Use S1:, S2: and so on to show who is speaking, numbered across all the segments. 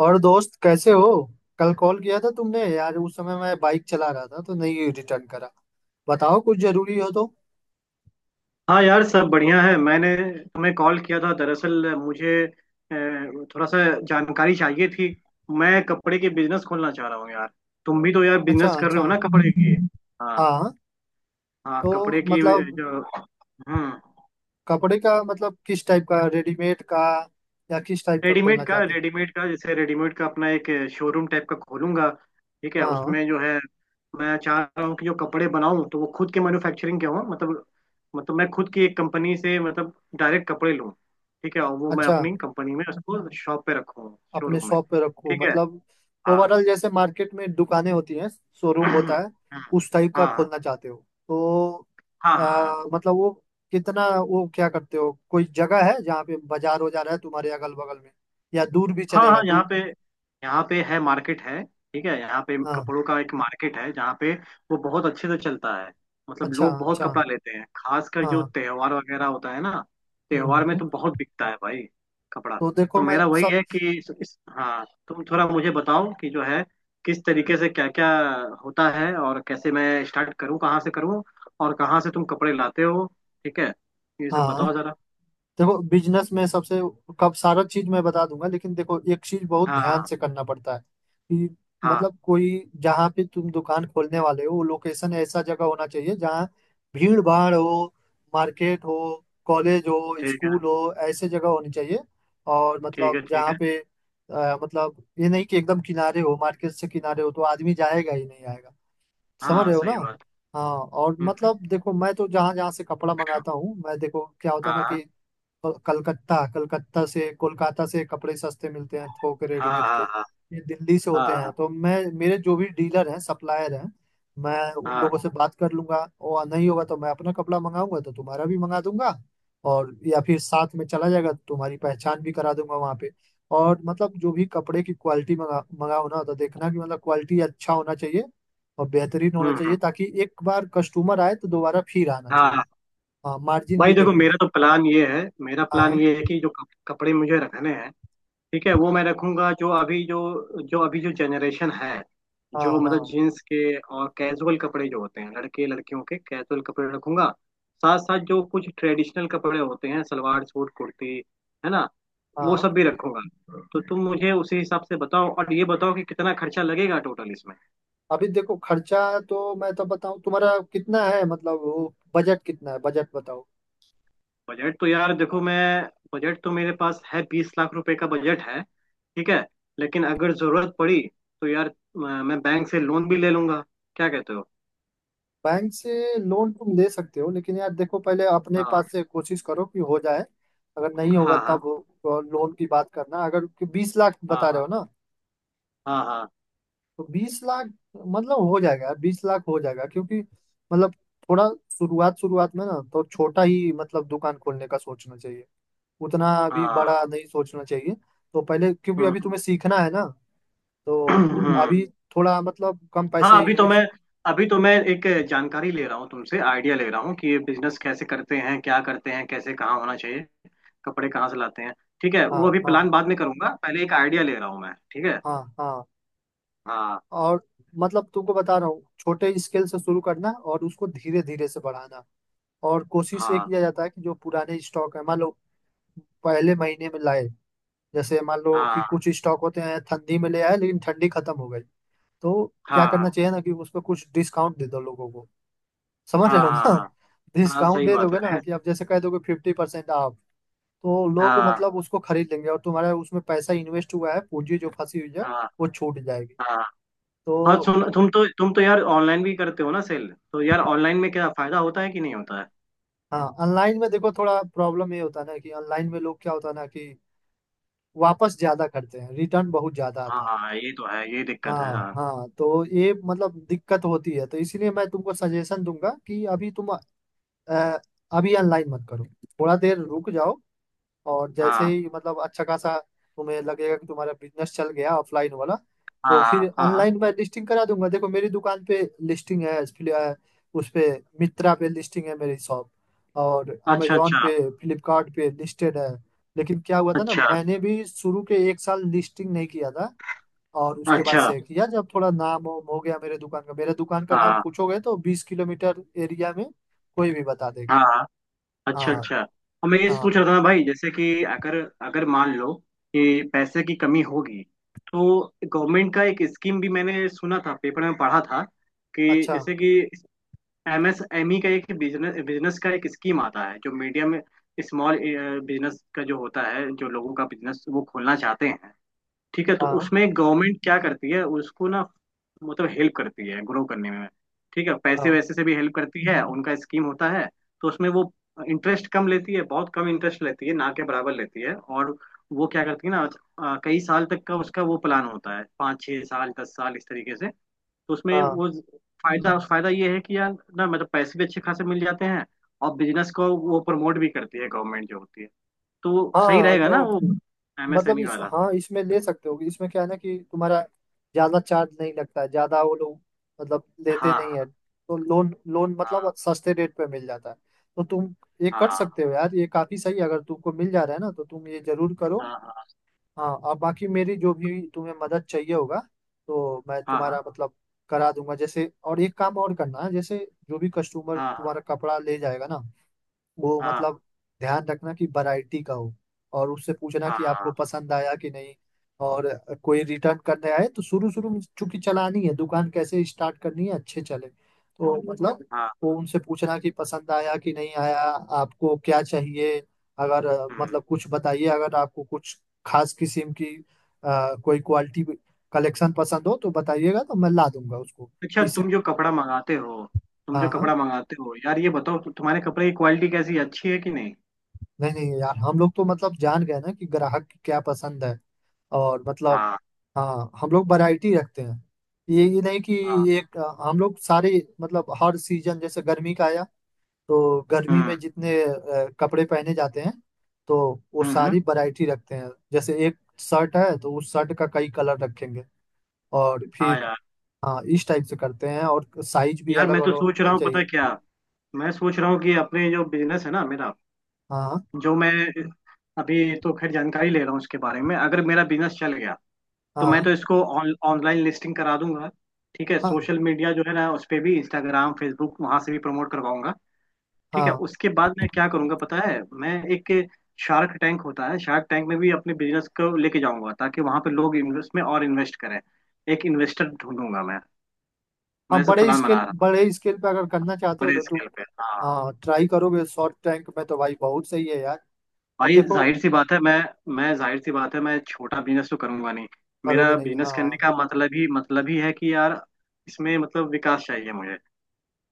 S1: और दोस्त कैसे हो? कल कॉल किया था तुमने यार। उस समय मैं बाइक चला रहा था तो नहीं रिटर्न करा। बताओ कुछ जरूरी हो तो।
S2: हाँ यार, सब बढ़िया है। मैंने तुम्हें कॉल किया था, दरअसल मुझे थोड़ा सा जानकारी चाहिए थी। मैं कपड़े के बिजनेस खोलना चाह रहा हूँ यार। तुम भी तो यार
S1: अच्छा
S2: बिजनेस कर रहे हो
S1: अच्छा।
S2: ना, कपड़े की। हाँ।
S1: हाँ।
S2: हाँ,
S1: तो
S2: कपड़े की।
S1: मतलब
S2: जो
S1: कपड़े का मतलब किस टाइप का, रेडीमेड का या किस टाइप का खोलना चाहते हैं?
S2: रेडीमेड का जैसे रेडीमेड का अपना एक शोरूम टाइप का खोलूंगा। ठीक है,
S1: हाँ।
S2: उसमें जो है मैं चाह रहा हूँ कि जो कपड़े बनाऊं तो वो खुद के मैन्युफैक्चरिंग के हों। मतलब मैं खुद की एक कंपनी से मतलब डायरेक्ट कपड़े लूं। ठीक है, और वो मैं
S1: अच्छा,
S2: अपनी कंपनी में उसको शॉप पे रखूँ,
S1: अपने
S2: शोरूम में।
S1: शॉप पे रखो
S2: ठीक है।
S1: मतलब।
S2: हाँ।
S1: ओवरऑल जैसे मार्केट में दुकानें होती हैं, शोरूम होता है
S2: हाँ।
S1: उस टाइप का
S2: हाँ।
S1: खोलना चाहते हो तो।
S2: हाँ। हाँ। हाँ।
S1: मतलब वो कितना, वो क्या करते हो, कोई जगह है जहाँ पे बाजार हो जा रहा है तुम्हारे अगल बगल में, या दूर भी
S2: हाँ।
S1: चलेगा
S2: हाँ, यहाँ
S1: दूर?
S2: पे यहाँ पे है, मार्केट है। ठीक है, यहाँ पे
S1: हाँ
S2: कपड़ों का एक मार्केट है जहाँ पे वो बहुत अच्छे से चलता है। मतलब
S1: अच्छा
S2: लोग बहुत
S1: अच्छा।
S2: कपड़ा लेते हैं, खासकर जो
S1: हाँ।
S2: त्योहार वगैरह होता है ना। त्योहार में
S1: हम्म
S2: तो बहुत बिकता है भाई, कपड़ा।
S1: तो देखो
S2: तो
S1: मैं
S2: मेरा वही
S1: सब।
S2: है कि हाँ, तुम थोड़ा मुझे बताओ कि जो है किस तरीके से क्या क्या होता है, और कैसे मैं स्टार्ट करूँ, कहाँ से करूँ, और कहाँ से तुम कपड़े लाते हो। ठीक है, ये सब
S1: हाँ।
S2: बताओ जरा।
S1: देखो बिजनेस में सबसे कब सारा चीज मैं बता दूंगा, लेकिन देखो एक चीज बहुत ध्यान
S2: हाँ।
S1: से करना पड़ता है कि
S2: हाँ।
S1: मतलब कोई, जहाँ पे तुम दुकान खोलने वाले हो वो लोकेशन ऐसा जगह होना चाहिए जहाँ भीड़ भाड़ हो, मार्केट हो, कॉलेज हो,
S2: ठीक है।
S1: स्कूल हो, ऐसे जगह होनी चाहिए। और
S2: ठीक
S1: मतलब
S2: है। ठीक
S1: जहाँ
S2: है।
S1: पे, मतलब ये नहीं कि एकदम किनारे हो, मार्केट से किनारे हो तो आदमी जाएगा ही नहीं, आएगा। समझ
S2: हाँ,
S1: रहे हो ना?
S2: सही बात।
S1: हाँ। और
S2: हम्म।
S1: मतलब देखो, मैं तो जहाँ जहाँ से कपड़ा मंगाता हूँ, मैं देखो क्या होता है ना
S2: हाँ।
S1: कि और कलकत्ता कलकत्ता से कोलकाता से कपड़े सस्ते मिलते हैं, थोक
S2: हाँ।
S1: रेडीमेड के।
S2: हाँ। हाँ।
S1: ये दिल्ली से होते
S2: हाँ।
S1: हैं तो मैं, मेरे जो भी डीलर हैं, सप्लायर हैं, मैं उन
S2: हाँ।
S1: लोगों से बात कर लूंगा। और नहीं होगा तो मैं अपना कपड़ा मंगाऊंगा तो तुम्हारा भी मंगा दूंगा। या फिर साथ में चला जाएगा तो तुम्हारी पहचान भी करा दूंगा वहां पे। और मतलब जो भी कपड़े की क्वालिटी मंगाओ ना, तो देखना कि मतलब क्वालिटी अच्छा होना चाहिए और बेहतरीन होना
S2: हम्म। हम्म।
S1: चाहिए ताकि एक बार कस्टमर आए तो दोबारा फिर आना
S2: हाँ।
S1: चाहिए।
S2: हाँ।
S1: हाँ मार्जिन
S2: भाई
S1: भी
S2: देखो,
S1: देखना
S2: मेरा
S1: चाहिए।
S2: तो प्लान ये है, मेरा प्लान
S1: हाँ।
S2: ये है कि जो कपड़े मुझे रखने हैं, ठीक है, वो मैं रखूंगा। जो अभी जो जनरेशन है,
S1: हाँ
S2: जो मतलब
S1: हाँ
S2: जीन्स के और कैजुअल कपड़े जो होते हैं, लड़के लड़कियों के कैजुअल कपड़े रखूंगा। साथ साथ जो कुछ ट्रेडिशनल कपड़े होते हैं, सलवार सूट कुर्ती, है ना, वो
S1: हाँ।
S2: सब भी रखूंगा। तो तुम मुझे उसी हिसाब से बताओ, और ये बताओ कि कितना खर्चा लगेगा टोटल इसमें।
S1: अभी देखो खर्चा, तो मैं तो बताऊं तुम्हारा कितना है मतलब वो बजट कितना है, बजट बताओ।
S2: बजट तो यार देखो, मैं, बजट तो मेरे पास है, 20 लाख रुपए का बजट है। ठीक है, लेकिन अगर जरूरत पड़ी तो यार मैं बैंक से लोन भी ले लूंगा। क्या कहते हो?
S1: बैंक से लोन तुम ले सकते हो, लेकिन यार देखो पहले अपने
S2: हाँ।
S1: पास से कोशिश करो कि हो जाए। अगर नहीं होगा
S2: हाँ।
S1: तब लोन की बात करना, अगर कि 20 लाख
S2: हाँ।
S1: बता रहे
S2: हाँ।
S1: हो ना।
S2: हाँ। हाँ। हाँ।
S1: तो 20 लाख मतलब हो जाएगा यार, 20 लाख हो जाएगा क्योंकि मतलब थोड़ा शुरुआत शुरुआत में ना तो छोटा ही मतलब दुकान खोलने का सोचना चाहिए, उतना अभी
S2: हाँ।
S1: बड़ा नहीं सोचना चाहिए। तो पहले, क्योंकि
S2: हम्म।
S1: अभी तुम्हें सीखना है ना। तो
S2: हम्म।
S1: अभी थोड़ा मतलब कम
S2: हाँ,
S1: पैसे
S2: अभी तो मैं
S1: इन्वेस्ट।
S2: अभी तो मैं एक जानकारी ले रहा हूँ तुमसे, आइडिया ले रहा हूँ कि ये बिजनेस कैसे करते हैं, क्या करते हैं, कैसे, कहाँ होना चाहिए, कपड़े कहाँ से लाते हैं। ठीक है,
S1: हाँ
S2: वो अभी
S1: हाँ
S2: प्लान बाद में करूंगा, पहले एक आइडिया ले रहा हूँ मैं। ठीक है।
S1: हाँ हाँ।
S2: हाँ।
S1: और मतलब तुमको बता रहा हूँ छोटे स्केल से शुरू करना और उसको धीरे धीरे से बढ़ाना। और कोशिश ये
S2: हाँ।
S1: किया जाता है कि जो पुराने स्टॉक है मान लो, पहले महीने में लाए। जैसे मान लो कि
S2: हाँ।
S1: कुछ स्टॉक होते हैं ठंडी में ले आए लेकिन ठंडी खत्म हो गई, तो
S2: हाँ।
S1: क्या
S2: हाँ।
S1: करना चाहिए ना कि उस पर कुछ डिस्काउंट दे दो लोगों को। समझ रहे
S2: हाँ।
S1: हो
S2: हाँ।
S1: ना?
S2: हाँ। हाँ,
S1: डिस्काउंट
S2: सही
S1: दे
S2: बात
S1: दोगे ना
S2: है।
S1: कि आप जैसे कह दोगे 50%। आप तो लोग
S2: हाँ।
S1: मतलब उसको खरीद लेंगे और तुम्हारा उसमें पैसा इन्वेस्ट हुआ है, पूंजी जो फंसी हुई है
S2: हाँ।
S1: वो छूट जाएगी।
S2: हाँ। हाँ
S1: तो।
S2: सुन, तुम तो यार ऑनलाइन भी करते हो ना सेल? तो यार ऑनलाइन में क्या फायदा होता है कि नहीं होता है?
S1: हाँ, ऑनलाइन में देखो थोड़ा प्रॉब्लम ये होता है ना कि ऑनलाइन में लोग क्या होता है ना कि वापस ज्यादा करते हैं, रिटर्न बहुत ज्यादा
S2: हाँ,
S1: आता है।
S2: हाँ, ये तो है, ये दिक्कत है,
S1: हाँ
S2: हाँ।
S1: हाँ तो ये मतलब दिक्कत होती है, तो इसीलिए मैं तुमको सजेशन दूंगा कि अ, अभी ऑनलाइन मत करो, थोड़ा देर रुक जाओ। और जैसे
S2: हाँ।
S1: ही मतलब अच्छा खासा तुम्हें लगेगा कि तुम्हारा बिजनेस चल गया ऑफलाइन वाला, तो
S2: हाँ।
S1: फिर
S2: हाँ। हाँ। हाँ।
S1: ऑनलाइन मैं लिस्टिंग करा दूंगा। देखो मेरी दुकान पे लिस्टिंग है। उस पे, मित्रा पे लिस्टिंग है मेरी शॉप, और
S2: अच्छा।
S1: अमेजोन
S2: अच्छा।
S1: पे फ्लिपकार्ट पे लिस्टेड है। लेकिन क्या हुआ था ना,
S2: अच्छा।
S1: मैंने भी शुरू के एक साल लिस्टिंग नहीं किया था। और उसके बाद
S2: अच्छा।
S1: से किया जब थोड़ा नाम वाम हो गया मेरे दुकान का। मेरे दुकान का नाम
S2: हाँ।
S1: पूछोगे तो 20 किलोमीटर एरिया में कोई भी बता देगा।
S2: हाँ। हाँ। अच्छा।
S1: हाँ
S2: अच्छा। और मैं ये
S1: हाँ
S2: सोच रहा था ना भाई, जैसे कि अगर अगर मान लो कि पैसे की कमी होगी, तो गवर्नमेंट का एक स्कीम भी मैंने सुना था, पेपर में पढ़ा था कि,
S1: अच्छा।
S2: जैसे कि एमएसएमई का एक बिजनेस बिजनेस का एक स्कीम आता है, जो मीडियम स्मॉल बिजनेस का जो होता है, जो लोगों का बिजनेस वो खोलना चाहते हैं। ठीक है, तो
S1: हाँ
S2: उसमें गवर्नमेंट क्या करती है उसको ना, मतलब हेल्प करती है, ग्रो करने में। ठीक है, पैसे
S1: हाँ
S2: वैसे से भी हेल्प करती है, उनका स्कीम होता है। तो उसमें वो इंटरेस्ट कम लेती है, बहुत कम इंटरेस्ट लेती है, ना के बराबर लेती है, और वो क्या करती है ना, कई साल तक का उसका वो प्लान होता है, 5-6 साल 10 साल, इस तरीके से। तो उसमें
S1: हाँ
S2: वो फायदा, फायदा ये है कि यार ना, मतलब पैसे भी अच्छे खासे मिल जाते हैं, और बिजनेस को वो प्रमोट भी करती है गवर्नमेंट जो होती है। तो वो सही
S1: हाँ।
S2: रहेगा ना
S1: तो
S2: वो,
S1: मतलब
S2: एमएसएमई
S1: इस
S2: वाला।
S1: हाँ, इसमें ले सकते हो। इसमें क्या है ना कि तुम्हारा ज्यादा चार्ज नहीं लगता है, ज्यादा वो लोग मतलब लेते
S2: हाँ।
S1: नहीं है, तो लोन लोन मतलब
S2: हाँ।
S1: सस्ते रेट पे मिल जाता है। तो तुम ये कर
S2: हाँ।
S1: सकते हो यार, ये काफी सही है अगर तुमको मिल जा रहा है ना, तो तुम ये जरूर करो।
S2: हाँ।
S1: हाँ। और बाकी मेरी जो भी तुम्हें मदद चाहिए होगा, तो मैं
S2: हाँ। हाँ।
S1: तुम्हारा मतलब करा दूंगा। जैसे और एक काम और करना है, जैसे जो भी कस्टमर
S2: हाँ।
S1: तुम्हारा कपड़ा ले जाएगा ना, वो
S2: हाँ।
S1: मतलब, ध्यान रखना कि वैरायटी का हो, और उससे पूछना
S2: हाँ।
S1: कि आपको
S2: हाँ।
S1: पसंद आया कि नहीं। और कोई रिटर्न करने आए तो शुरू शुरू में चूंकि चलानी है दुकान, कैसे स्टार्ट करनी है, अच्छे चले तो मतलब
S2: हाँ।
S1: वो उनसे पूछना कि पसंद आया कि नहीं आया, आपको क्या चाहिए। अगर
S2: हम्म।
S1: मतलब कुछ बताइए, अगर आपको कुछ खास किस्म की कोई क्वालिटी कलेक्शन पसंद हो तो बताइएगा तो मैं ला दूंगा उसको। तो
S2: अच्छा,
S1: इससे।
S2: तुम जो कपड़ा मंगाते हो,
S1: हाँ हाँ।
S2: यार ये बताओ, तुम्हारे कपड़े की क्वालिटी कैसी है, अच्छी है कि नहीं?
S1: नहीं नहीं यार, हम लोग तो मतलब जान गए ना कि ग्राहक की क्या पसंद है। और मतलब
S2: हाँ।
S1: हाँ, हम लोग वैरायटी रखते हैं। ये नहीं कि
S2: हाँ।
S1: एक हम लोग सारे, मतलब हर सीजन जैसे गर्मी का आया तो गर्मी
S2: हम्म।
S1: में जितने कपड़े पहने जाते हैं तो वो
S2: हम्म। हम्म।
S1: सारी वैरायटी रखते हैं। जैसे एक शर्ट है तो उस शर्ट का कई कलर रखेंगे। और
S2: हाँ।
S1: फिर
S2: यार,
S1: हाँ इस टाइप से करते हैं और साइज भी
S2: यार
S1: अलग
S2: मैं तो
S1: अलग
S2: सोच
S1: होना
S2: रहा हूँ, पता
S1: चाहिए।
S2: है क्या, मैं सोच रहा हूँ कि अपने जो बिजनेस है ना मेरा,
S1: हाँ
S2: जो मैं, अभी तो खैर जानकारी ले रहा हूँ इसके बारे में, अगर मेरा बिजनेस चल गया तो मैं
S1: हाँ
S2: तो इसको ऑनलाइन लिस्टिंग करा दूंगा। ठीक है,
S1: हाँ
S2: सोशल मीडिया जो है ना उस पे भी, इंस्टाग्राम, फेसबुक, वहां से भी प्रमोट करवाऊंगा। ठीक है,
S1: हाँ
S2: उसके बाद मैं क्या करूंगा पता है, मैं एक, शार्क टैंक होता है, शार्क टैंक में भी अपने बिजनेस को लेके जाऊंगा, ताकि वहां पे लोग इन्वेस्ट में और इन्वेस्ट करें। एक इन्वेस्टर ढूंढूंगा मैं
S1: हाँ
S2: मैं ऐसा
S1: बड़े
S2: प्लान बना
S1: स्केल,
S2: रहा हूँ,
S1: बड़े स्केल पे अगर करना चाहते हो
S2: बड़े
S1: तो तुम।
S2: स्केल पे। हाँ।
S1: हाँ ट्राई करोगे शॉर्ट टैंक में तो भाई बहुत सही है यार। अब
S2: भाई
S1: देखो,
S2: जाहिर सी बात है, मैं जाहिर सी बात है, मैं छोटा बिजनेस तो करूंगा नहीं।
S1: करोगे
S2: मेरा
S1: नहीं।
S2: बिजनेस
S1: हाँ
S2: करने का मतलब ही है कि यार इसमें मतलब विकास चाहिए मुझे।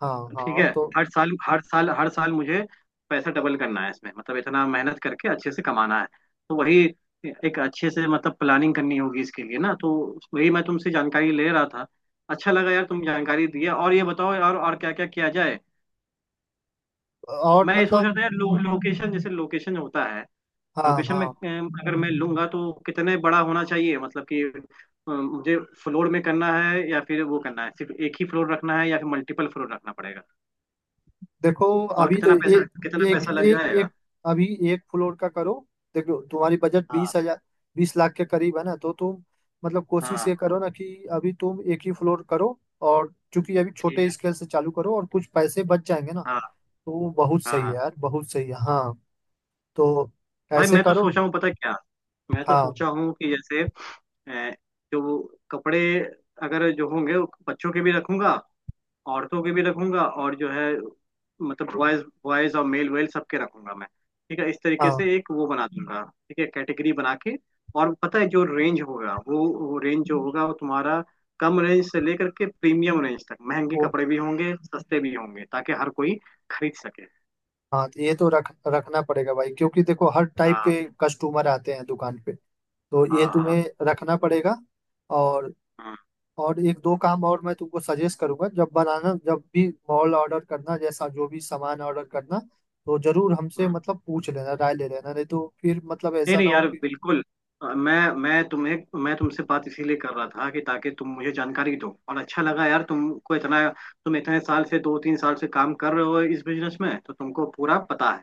S1: हाँ
S2: ठीक
S1: हाँ।
S2: है,
S1: तो।
S2: हर साल हर साल हर साल मुझे पैसा डबल करना है इसमें, मतलब इतना मेहनत करके अच्छे से कमाना है। तो वही एक अच्छे से मतलब प्लानिंग करनी होगी इसके लिए ना, तो वही मैं तुमसे जानकारी ले रहा था। अच्छा लगा यार तुम जानकारी दिया, और ये बताओ यार और क्या क्या किया जाए।
S1: और
S2: मैं ये सोच रहा
S1: मतलब
S2: था यार, लोकेशन, जैसे लोकेशन होता है,
S1: हाँ
S2: लोकेशन में
S1: हाँ
S2: अगर मैं लूंगा तो कितने बड़ा होना चाहिए, मतलब कि, मुझे फ्लोर में करना है या फिर वो करना है, सिर्फ एक ही फ्लोर रखना है या फिर मल्टीपल फ्लोर रखना पड़ेगा,
S1: देखो,
S2: और
S1: अभी तो
S2: कितना
S1: ये
S2: पैसा कितना
S1: एक
S2: पैसा लग
S1: एक
S2: जाएगा।
S1: एक अभी एक फ्लोर का करो। देखो तुम्हारी बजट
S2: हाँ।
S1: 20 लाख के करीब है ना, तो तुम मतलब कोशिश
S2: हाँ।
S1: ये करो ना कि अभी तुम एक ही फ्लोर करो। और चूंकि अभी
S2: ठीक
S1: छोटे
S2: है।
S1: स्केल से चालू करो और कुछ पैसे बच जाएंगे ना,
S2: हाँ।
S1: तो वो बहुत
S2: हाँ।
S1: सही है
S2: हाँ।
S1: यार, बहुत सही है। हाँ। तो
S2: भाई
S1: ऐसे
S2: मैं तो
S1: करो।
S2: सोचा हूँ, पता क्या, मैं तो
S1: हाँ
S2: सोचा हूँ कि जैसे अ, जो वो कपड़े, अगर जो होंगे, वो बच्चों के भी रखूंगा, औरतों के भी रखूंगा, और जो है मतलब बॉयज बॉयज और मेल वेल सबके रखूंगा मैं। ठीक है, इस तरीके
S1: हाँ
S2: से एक वो बना दूंगा, ठीक है, कैटेगरी बना के। और पता है, जो रेंज होगा वो रेंज जो होगा वो तुम्हारा, कम रेंज से लेकर के प्रीमियम रेंज तक, महंगे
S1: वो
S2: कपड़े भी होंगे, सस्ते भी होंगे, ताकि हर कोई खरीद सके।
S1: हाँ। तो ये तो रख रखना पड़ेगा भाई, क्योंकि देखो हर टाइप
S2: हाँ।
S1: के कस्टमर आते हैं दुकान पे, तो ये
S2: हाँ। हाँ।
S1: तुम्हें रखना पड़ेगा, और
S2: हम्म।
S1: और एक दो काम और मैं तुमको सजेस्ट करूंगा, जब भी मॉल ऑर्डर करना, जैसा जो भी सामान ऑर्डर करना तो जरूर हमसे
S2: हम्म।
S1: मतलब पूछ लेना, राय ले लेना, नहीं तो फिर मतलब
S2: नहीं
S1: ऐसा
S2: नहीं
S1: ना हो
S2: यार,
S1: कि।
S2: बिल्कुल। अ, मैं मैं तुम्हें मैं तुमसे बात इसीलिए कर रहा था कि ताकि तुम मुझे जानकारी दो, और अच्छा लगा यार तुमको, इतना तुम इतने साल से, 2-3 साल से काम कर रहे हो इस बिजनेस में, तो तुमको पूरा पता है,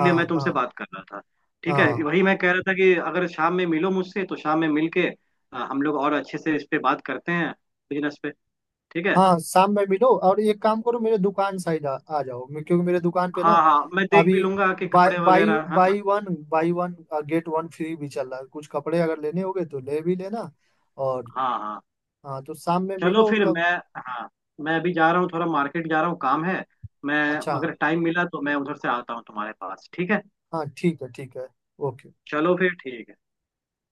S1: हाँ
S2: मैं तुमसे
S1: हाँ
S2: बात कर रहा था। ठीक है,
S1: हाँ।
S2: वही मैं कह रहा था कि अगर शाम में मिलो मुझसे तो शाम में मिल के हम लोग और अच्छे से इस पे बात करते हैं, बिजनेस पे। ठीक है।
S1: हाँ शाम में मिलो और एक काम करो, मेरे दुकान साइड आ जाओ। क्योंकि मेरे दुकान पे ना,
S2: हाँ। हाँ, मैं देख भी
S1: अभी
S2: लूंगा कि
S1: बाय
S2: कपड़े
S1: बाई
S2: वगैरह है ना।
S1: Buy one get one free भी चल रहा है, कुछ कपड़े अगर लेने होंगे तो ले भी लेना। और
S2: हाँ। हाँ।
S1: हाँ तो शाम में
S2: चलो
S1: मिलो
S2: फिर।
S1: तब।
S2: मैं हाँ, मैं अभी जा रहा हूँ, थोड़ा मार्केट जा रहा हूँ, काम है। मैं,
S1: अच्छा।
S2: अगर टाइम मिला तो मैं उधर से आता हूँ तुम्हारे पास, ठीक है।
S1: हाँ ठीक है ठीक है। ओके।
S2: चलो फिर, ठीक है।